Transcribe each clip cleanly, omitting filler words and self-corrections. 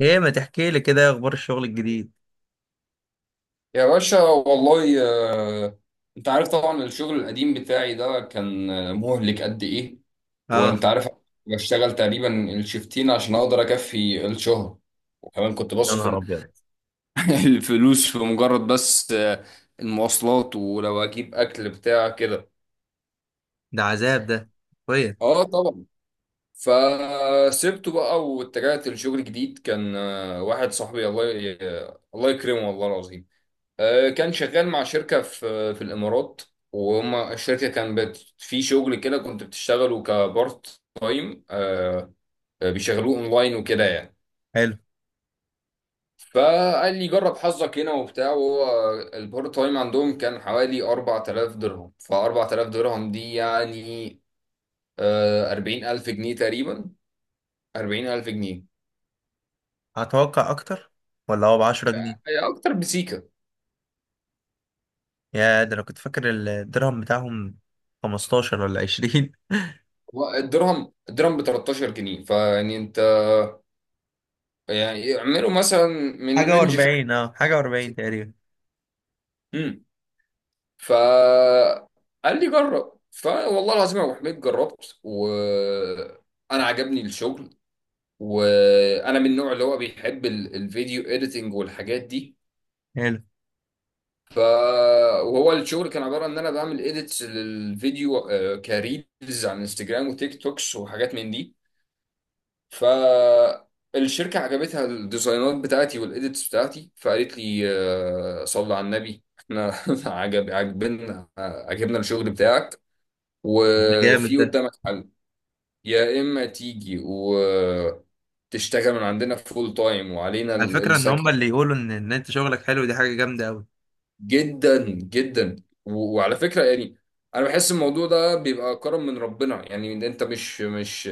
ايه، ما تحكي لي كده؟ إيه اخبار الشغل الجديد؟ يا باشا والله. آه، انت عارف طبعا، الشغل القديم بتاعي ده كان مهلك قد ايه؟ وانت اه. عارف، بشتغل تقريبا الشفتين عشان اقدر اكفي الشهر. وكمان كنت يا بصرف نهار ابيض. الفلوس في مجرد بس المواصلات، ولو اجيب اكل بتاع كده. ده عذاب ده. كويس. اه طبعا. فسبته بقى واتجهت لشغل جديد كان واحد صاحبي، الله يكرمه والله العظيم. كان شغال مع شركة في الإمارات. وهم الشركة كان بت في شغل كده كنت بتشتغله كبارت تايم بيشغلوه اونلاين وكده يعني. حلو. فقال لي جرب حظك هنا وبتاع. وهو البارت تايم عندهم كان حوالي 4000 درهم. ف 4000 درهم دي يعني 40000 جنيه تقريبا، 40000 جنيه. هتوقع اكتر ولا هو ب 10 جنيه؟ هي أكتر بسيكة. يا ده انا كنت فاكر الدرهم بتاعهم 15 ولا 20. هو الدرهم ب 13 جنيه. فيعني أنت، يعني اعملوا مثلا من حاجة رينج و40، اه حاجة و40 تقريبا. 50. فقال لي جرب. فوالله العظيم يا ابو حميد جربت وانا عجبني الشغل. وانا من النوع اللي هو بيحب الفيديو اديتنج والحاجات دي. حلو. ف، وهو الشغل كان عباره ان انا بعمل اديتس للفيديو، كريلز على انستجرام وتيك توكس وحاجات من دي. ف الشركة عجبتها الديزاينات بتاعتي والإيديتس بتاعتي. فقالت لي صلي على النبي، احنا عجبنا الشغل بتاعك. ده جامد وفي ده. قدامك حل، يا اما تيجي وتشتغل من عندنا فول تايم وعلينا على فكرة ان هم السكن. اللي يقولوا ان انت شغلك حلو، دي حاجة جامدة قوي. جدا جدا. وعلى فكره يعني، انا بحس الموضوع ده بيبقى كرم من ربنا. يعني انت مش مش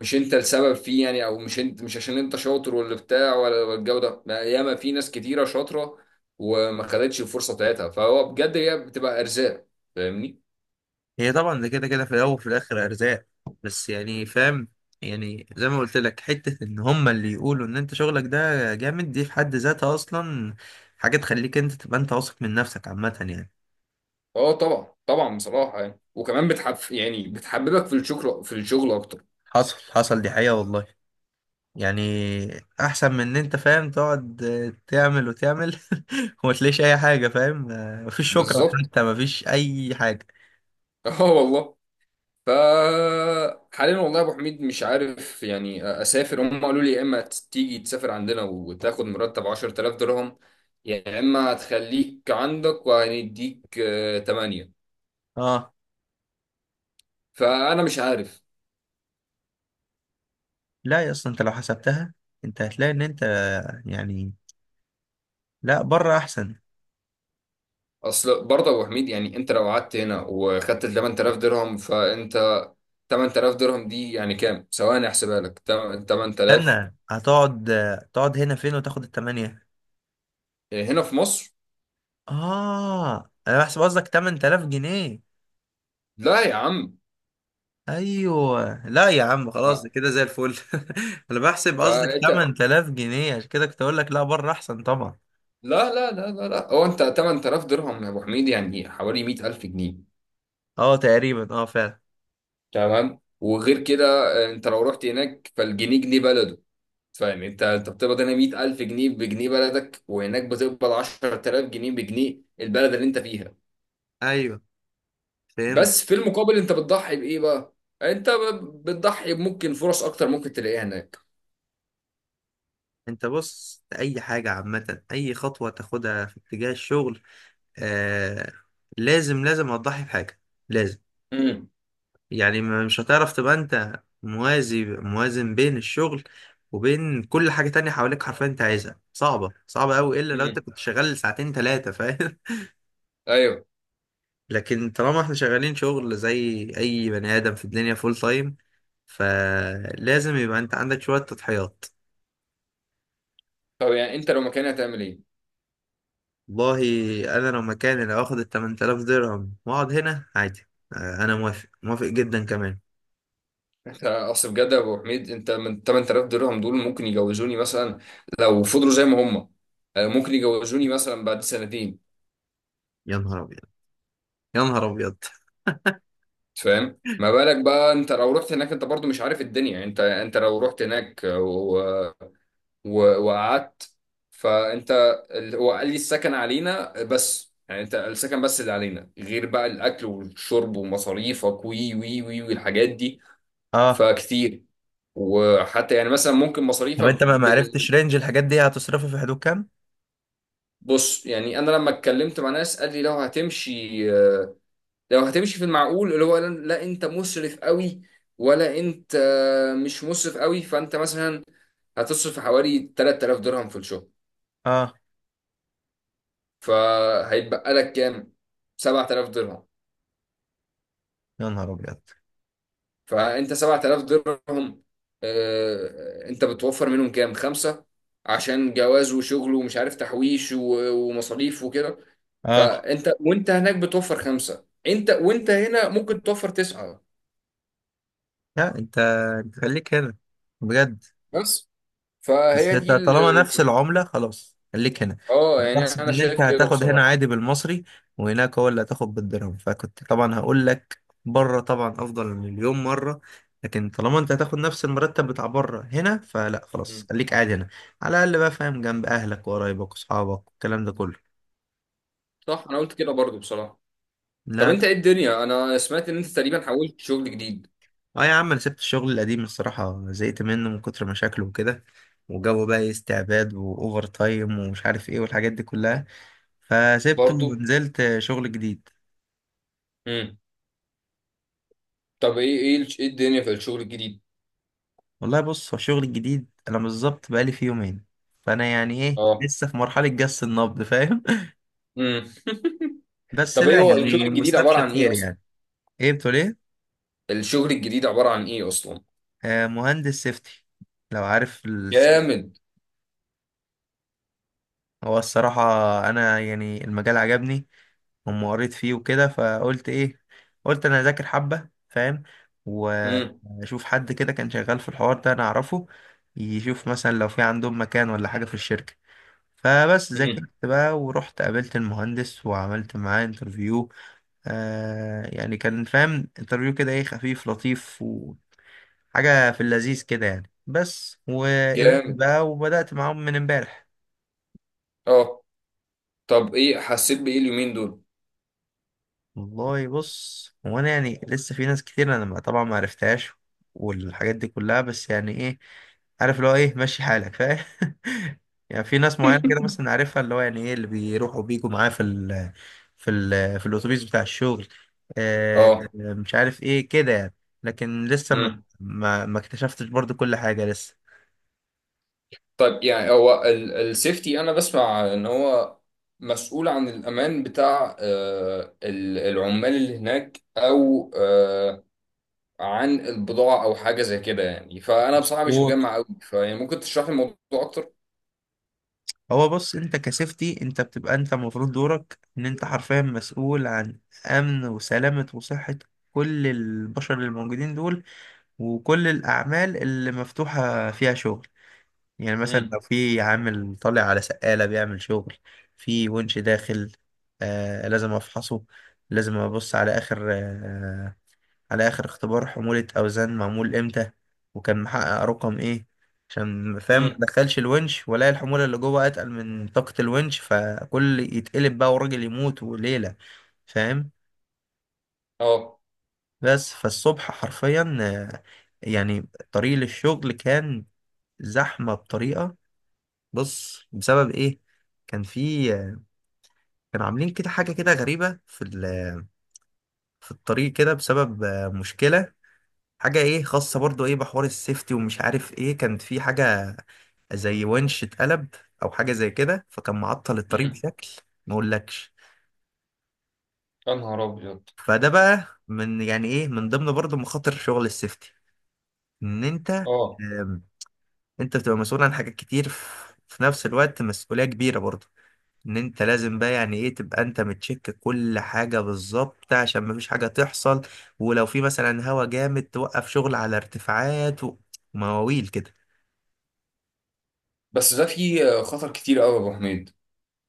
مش انت السبب فيه يعني، او مش انت، مش عشان انت شاطر ولا بتاع ولا الجو ده، لا، ياما في ناس كتيره شاطره وما خدتش الفرصه بتاعتها. فهو بجد هي بتبقى ارزاق، فاهمني. هي طبعا ده كده كده، في الاول وفي الاخر ارزاق، بس يعني فاهم، يعني زي ما قلت لك حته، ان هما اللي يقولوا ان انت شغلك ده جامد دي في حد ذاتها اصلا حاجه تخليك انت تبقى انت واثق من نفسك عامه يعني. اه طبعا طبعا. بصراحه يعني، وكمان بتحببك في الشغل اكتر. حصل دي حقيقه والله. يعني احسن من ان انت فاهم تقعد تعمل وتعمل وما تلاقيش اي حاجه، فاهم؟ مفيش شكرا بالظبط. حتى، مفيش اي حاجه. اه والله. ف حاليا والله يا ابو حميد مش عارف، يعني اسافر. هم قالوا لي يا اما تيجي تسافر عندنا وتاخد مرتب 10000 درهم، يا اما هتخليك عندك وهنديك 8. اه. فانا مش عارف. لا يا، اصلا انت لو حسبتها انت هتلاقي ان انت يعني لا، بره احسن. اصل برضه يا ابو حميد، يعني انت لو قعدت هنا وخدت 8000 درهم، فانت 8000 درهم دي يعني كام؟ ثواني احسبها لك. 8000، استنى، هتقعد تقعد هنا فين وتاخد التمانية؟ هنا في مصر. اه انا بحسب قصدك 8000 جنيه. لا يا عم. ايوه لا يا عم، خلاص ده كده زي الفل. انا بحسب قصدك فانت، 8000 جنيه، عشان كده كنت اقول لك لا، بره احسن طبعا. لا لا لا لا لا، هو انت 8000 درهم يا ابو حميد يعني حوالي 100000 جنيه. اه تقريبا، اه فعلا. تمام. وغير كده انت لو رحت هناك فالجنيه جنيه بلده. فاهم انت بتقبض هنا 100000 جنيه بجنيه بلدك، وهناك بتقبض 10000 جنيه بجنيه البلد اللي انت فيها. ايوه، فهمت. بس في المقابل انت بتضحي بايه بقى؟ انت بتضحي بممكن فرص اكتر ممكن تلاقيها هناك. انت بص، اي حاجه عامه اي خطوه تاخدها في اتجاه الشغل آه لازم، لازم هتضحي بحاجه، لازم. امم، يعني مش هتعرف تبقى انت موازن بين الشغل وبين كل حاجة تانية حواليك حرفيا، انت عايزها صعبة قوي الا لو انت امم، كنت شغال ساعتين ثلاثة، فاهم؟ ايوه. لكن طالما احنا شغالين شغل زي اي بني ادم في الدنيا فول تايم، فلازم يبقى انت عندك شوية تضحيات. طب يعني انت لو مكاني هتعمل ايه؟ والله انا لو مكاني، لو اخد ال 8000 درهم واقعد هنا عادي انا موافق موافق جدا كمان. يعني اصل بجد يا ابو حميد، انت من 8000 درهم دول ممكن يجوزوني مثلا، لو فضلوا زي ما هم. ممكن يجوزوني مثلا بعد سنتين. يا نهار ابيض، يا نهار ابيض. فاهم ما بالك بقى انت لو رحت هناك؟ انت برضو مش عارف الدنيا. انت لو رحت هناك و... وقعدت، فانت هو قال لي السكن علينا بس، يعني انت السكن بس اللي علينا، غير بقى الاكل والشرب ومصاريفك وي وي وي والحاجات دي، اه. فكتير. وحتى يعني مثلا ممكن طب مصاريفك. انت ما معرفتش رينج الحاجات دي هتصرفه في حدود كام؟ بص، يعني انا لما اتكلمت مع ناس قال لي لو هتمشي في المعقول، اللي هو لا انت مسرف قوي، ولا انت مش مسرف قوي. فانت مثلا هتصرف حوالي 3000 درهم في الشهر. اه فهيتبقى لك كام؟ 7000 درهم. يا نهار ابيض. فانت 7000 درهم، انت بتوفر منهم كام؟ خمسة، عشان جواز وشغل ومش عارف تحويش ومصاريف وكده. اه فانت وانت هناك بتوفر خمسه، انت وانت هنا ممكن توفر تسعه. لا انت، انت خليك هنا بجد. بس. بس فهي انت دي طالما نفس العملة خلاص خليك هنا. اه، انا يعني بحسب انا ان انت شايف كده هتاخد هنا بصراحه. عادي بالمصري وهناك هو اللي هتاخد بالدرهم، فكنت طبعا هقول لك بره طبعا افضل مليون مرة. لكن طالما انت هتاخد نفس المرتب بتاع بره هنا، فلا، خلاص مم. خليك قاعد هنا. على الاقل بقى فاهم، جنب اهلك وقرايبك واصحابك والكلام ده كله. صح، انا قلت كده برضو بصراحه. طب لا لا. انت ايه الدنيا؟ انا سمعت ان انت تقريبا حولت شغل جديد اه يا عم، انا سبت الشغل القديم الصراحة، زهقت منه من كتر مشاكله وكده، وجو بقى إيه استعباد واوفر تايم ومش عارف ايه والحاجات دي كلها، فسبته برضو. ونزلت شغل جديد. امم. طب ايه الدنيا في الشغل الجديد؟ والله بص، هو الشغل الجديد انا بالظبط بقالي فيه يومين، فانا يعني ايه اه. لسه في مرحلة جس النبض، فاهم؟ امم. بس طب ايه لا هو الشغل يعني الجديد عباره مستبشر عن ايه خير اصلا؟ يعني. ايه بتقول؟ ايه؟ الشغل الجديد عباره عن ايه اصلا؟ آه، مهندس سيفتي، لو عارف ال... جامد. هو الصراحة انا يعني المجال عجبني أما قريت فيه وكده، فقلت إيه، قلت أنا أذاكر حبة، فاهم؟ امم، وأشوف حد كده كان شغال في الحوار ده أنا أعرفه يشوف مثلا لو في عندهم مكان ولا حاجة في الشركة. فبس ذاكرت امم. بقى ورحت قابلت المهندس وعملت معاه انترفيو. آه يعني كان فاهم انترفيو كده ايه، خفيف لطيف وحاجة في اللذيذ كده يعني. بس وقبلت جامد. بقى وبدأت معاهم من امبارح. اه. طب ايه حسيت بايه اليومين دول؟ والله بص، هو انا يعني لسه في ناس كتير انا طبعا ما عرفتهاش والحاجات دي كلها، بس يعني ايه، عارف اللي هو ايه ماشي حالك، فاهم؟ يعني في ناس معينه كده مثلا عارفها، اللي هو يعني ايه اللي بيروحوا بيجوا معاه في ال في ال في الاتوبيس بتاع الشغل. آه اه. مش عارف ايه كده يعني. لكن لسه ما مم. ما ما اكتشفتش برضو كل حاجه طيب يعني هو السيفتي، انا بسمع ان هو مسؤول عن الامان بتاع العمال اللي هناك، او عن البضاعه، او حاجه زي كده يعني. فانا بصراحه مش لسه. مجمع قوي، فيعني ممكن تشرح لي الموضوع اكتر. هو بص، انت كسيفتي انت بتبقى انت المفروض دورك ان انت حرفيا مسؤول عن امن وسلامة وصحة كل البشر اللي موجودين دول، وكل الاعمال اللي مفتوحة فيها شغل. يعني مثلا امم. لو في عامل طالع على سقالة بيعمل شغل في ونش داخل، آه لازم افحصه، لازم ابص على اخر آه، على آخر اختبار حمولة أوزان معمول إمتى، وكان محقق رقم إيه، عشان فاهم ما امم. دخلش الونش ولا الحمولة اللي جوه أتقل من طاقة الونش، فكل يتقلب بقى والراجل يموت وليلة، فاهم. اه. بس فالصبح حرفيا يعني طريق للشغل كان زحمة بطريقة. بص بسبب إيه، كان في كانوا عاملين كده حاجة كده غريبة في الطريق كده بسبب مشكلة، حاجة ايه خاصة برضو ايه بحوار السيفتي ومش عارف ايه، كانت في حاجة زي ونش اتقلب او حاجة زي كده، فكان معطل الطريق امم. بشكل ما اقولكش. يا نهار ابيض. فده بقى من يعني ايه من ضمن برضو مخاطر شغل السيفتي، ان انت اه. آم، انت بتبقى مسؤول عن حاجات كتير في في نفس الوقت، مسؤولية كبيرة برضو. ان انت لازم بقى يعني ايه تبقى انت متشك كل حاجة بالظبط عشان مفيش حاجة تحصل، ولو في مثلا هوا جامد توقف شغل على ارتفاعات ومواويل كده. بس ده فيه خطر كتير قوي يا ابو حميد.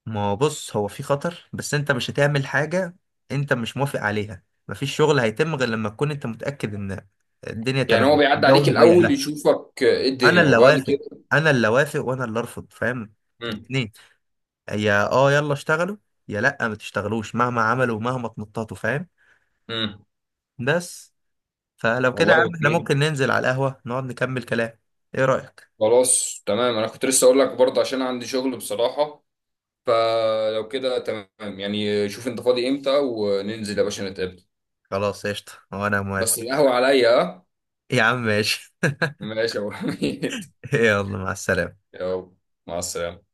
ما هو بص، هو في خطر، بس انت مش هتعمل حاجة انت مش موافق عليها. مفيش شغل هيتم غير لما تكون انت متأكد ان الدنيا يعني هو تمام، بيعدي الجو عليك مهيأ الاول لها. يشوفك ايه انا الدنيا اللي وبعد اوافق، كده؟ انا اللي اوافق وانا اللي ارفض، فاهم؟ امم، الاتنين. يا اه يلا اشتغلوا، يا لا ما تشتغلوش مهما عملوا ومهما تنططوا، فاهم؟ امم. بس. فلو كده والله يا يا ابو عم، احنا حميد، ممكن ننزل على القهوة نقعد نكمل كلام، ايه رأيك؟ خلاص تمام. انا كنت لسه اقول لك برضه، عشان عندي شغل بصراحة. فلو كده تمام، يعني شوف انت فاضي امتى وننزل يا باشا نتقابل. خلاص قشطة، وانا موافق. بس القهوة عليا، ها؟ يا عم ماشي. ماشي يا ابو حميد. يلا مع السلامة. يلا مع السلامة.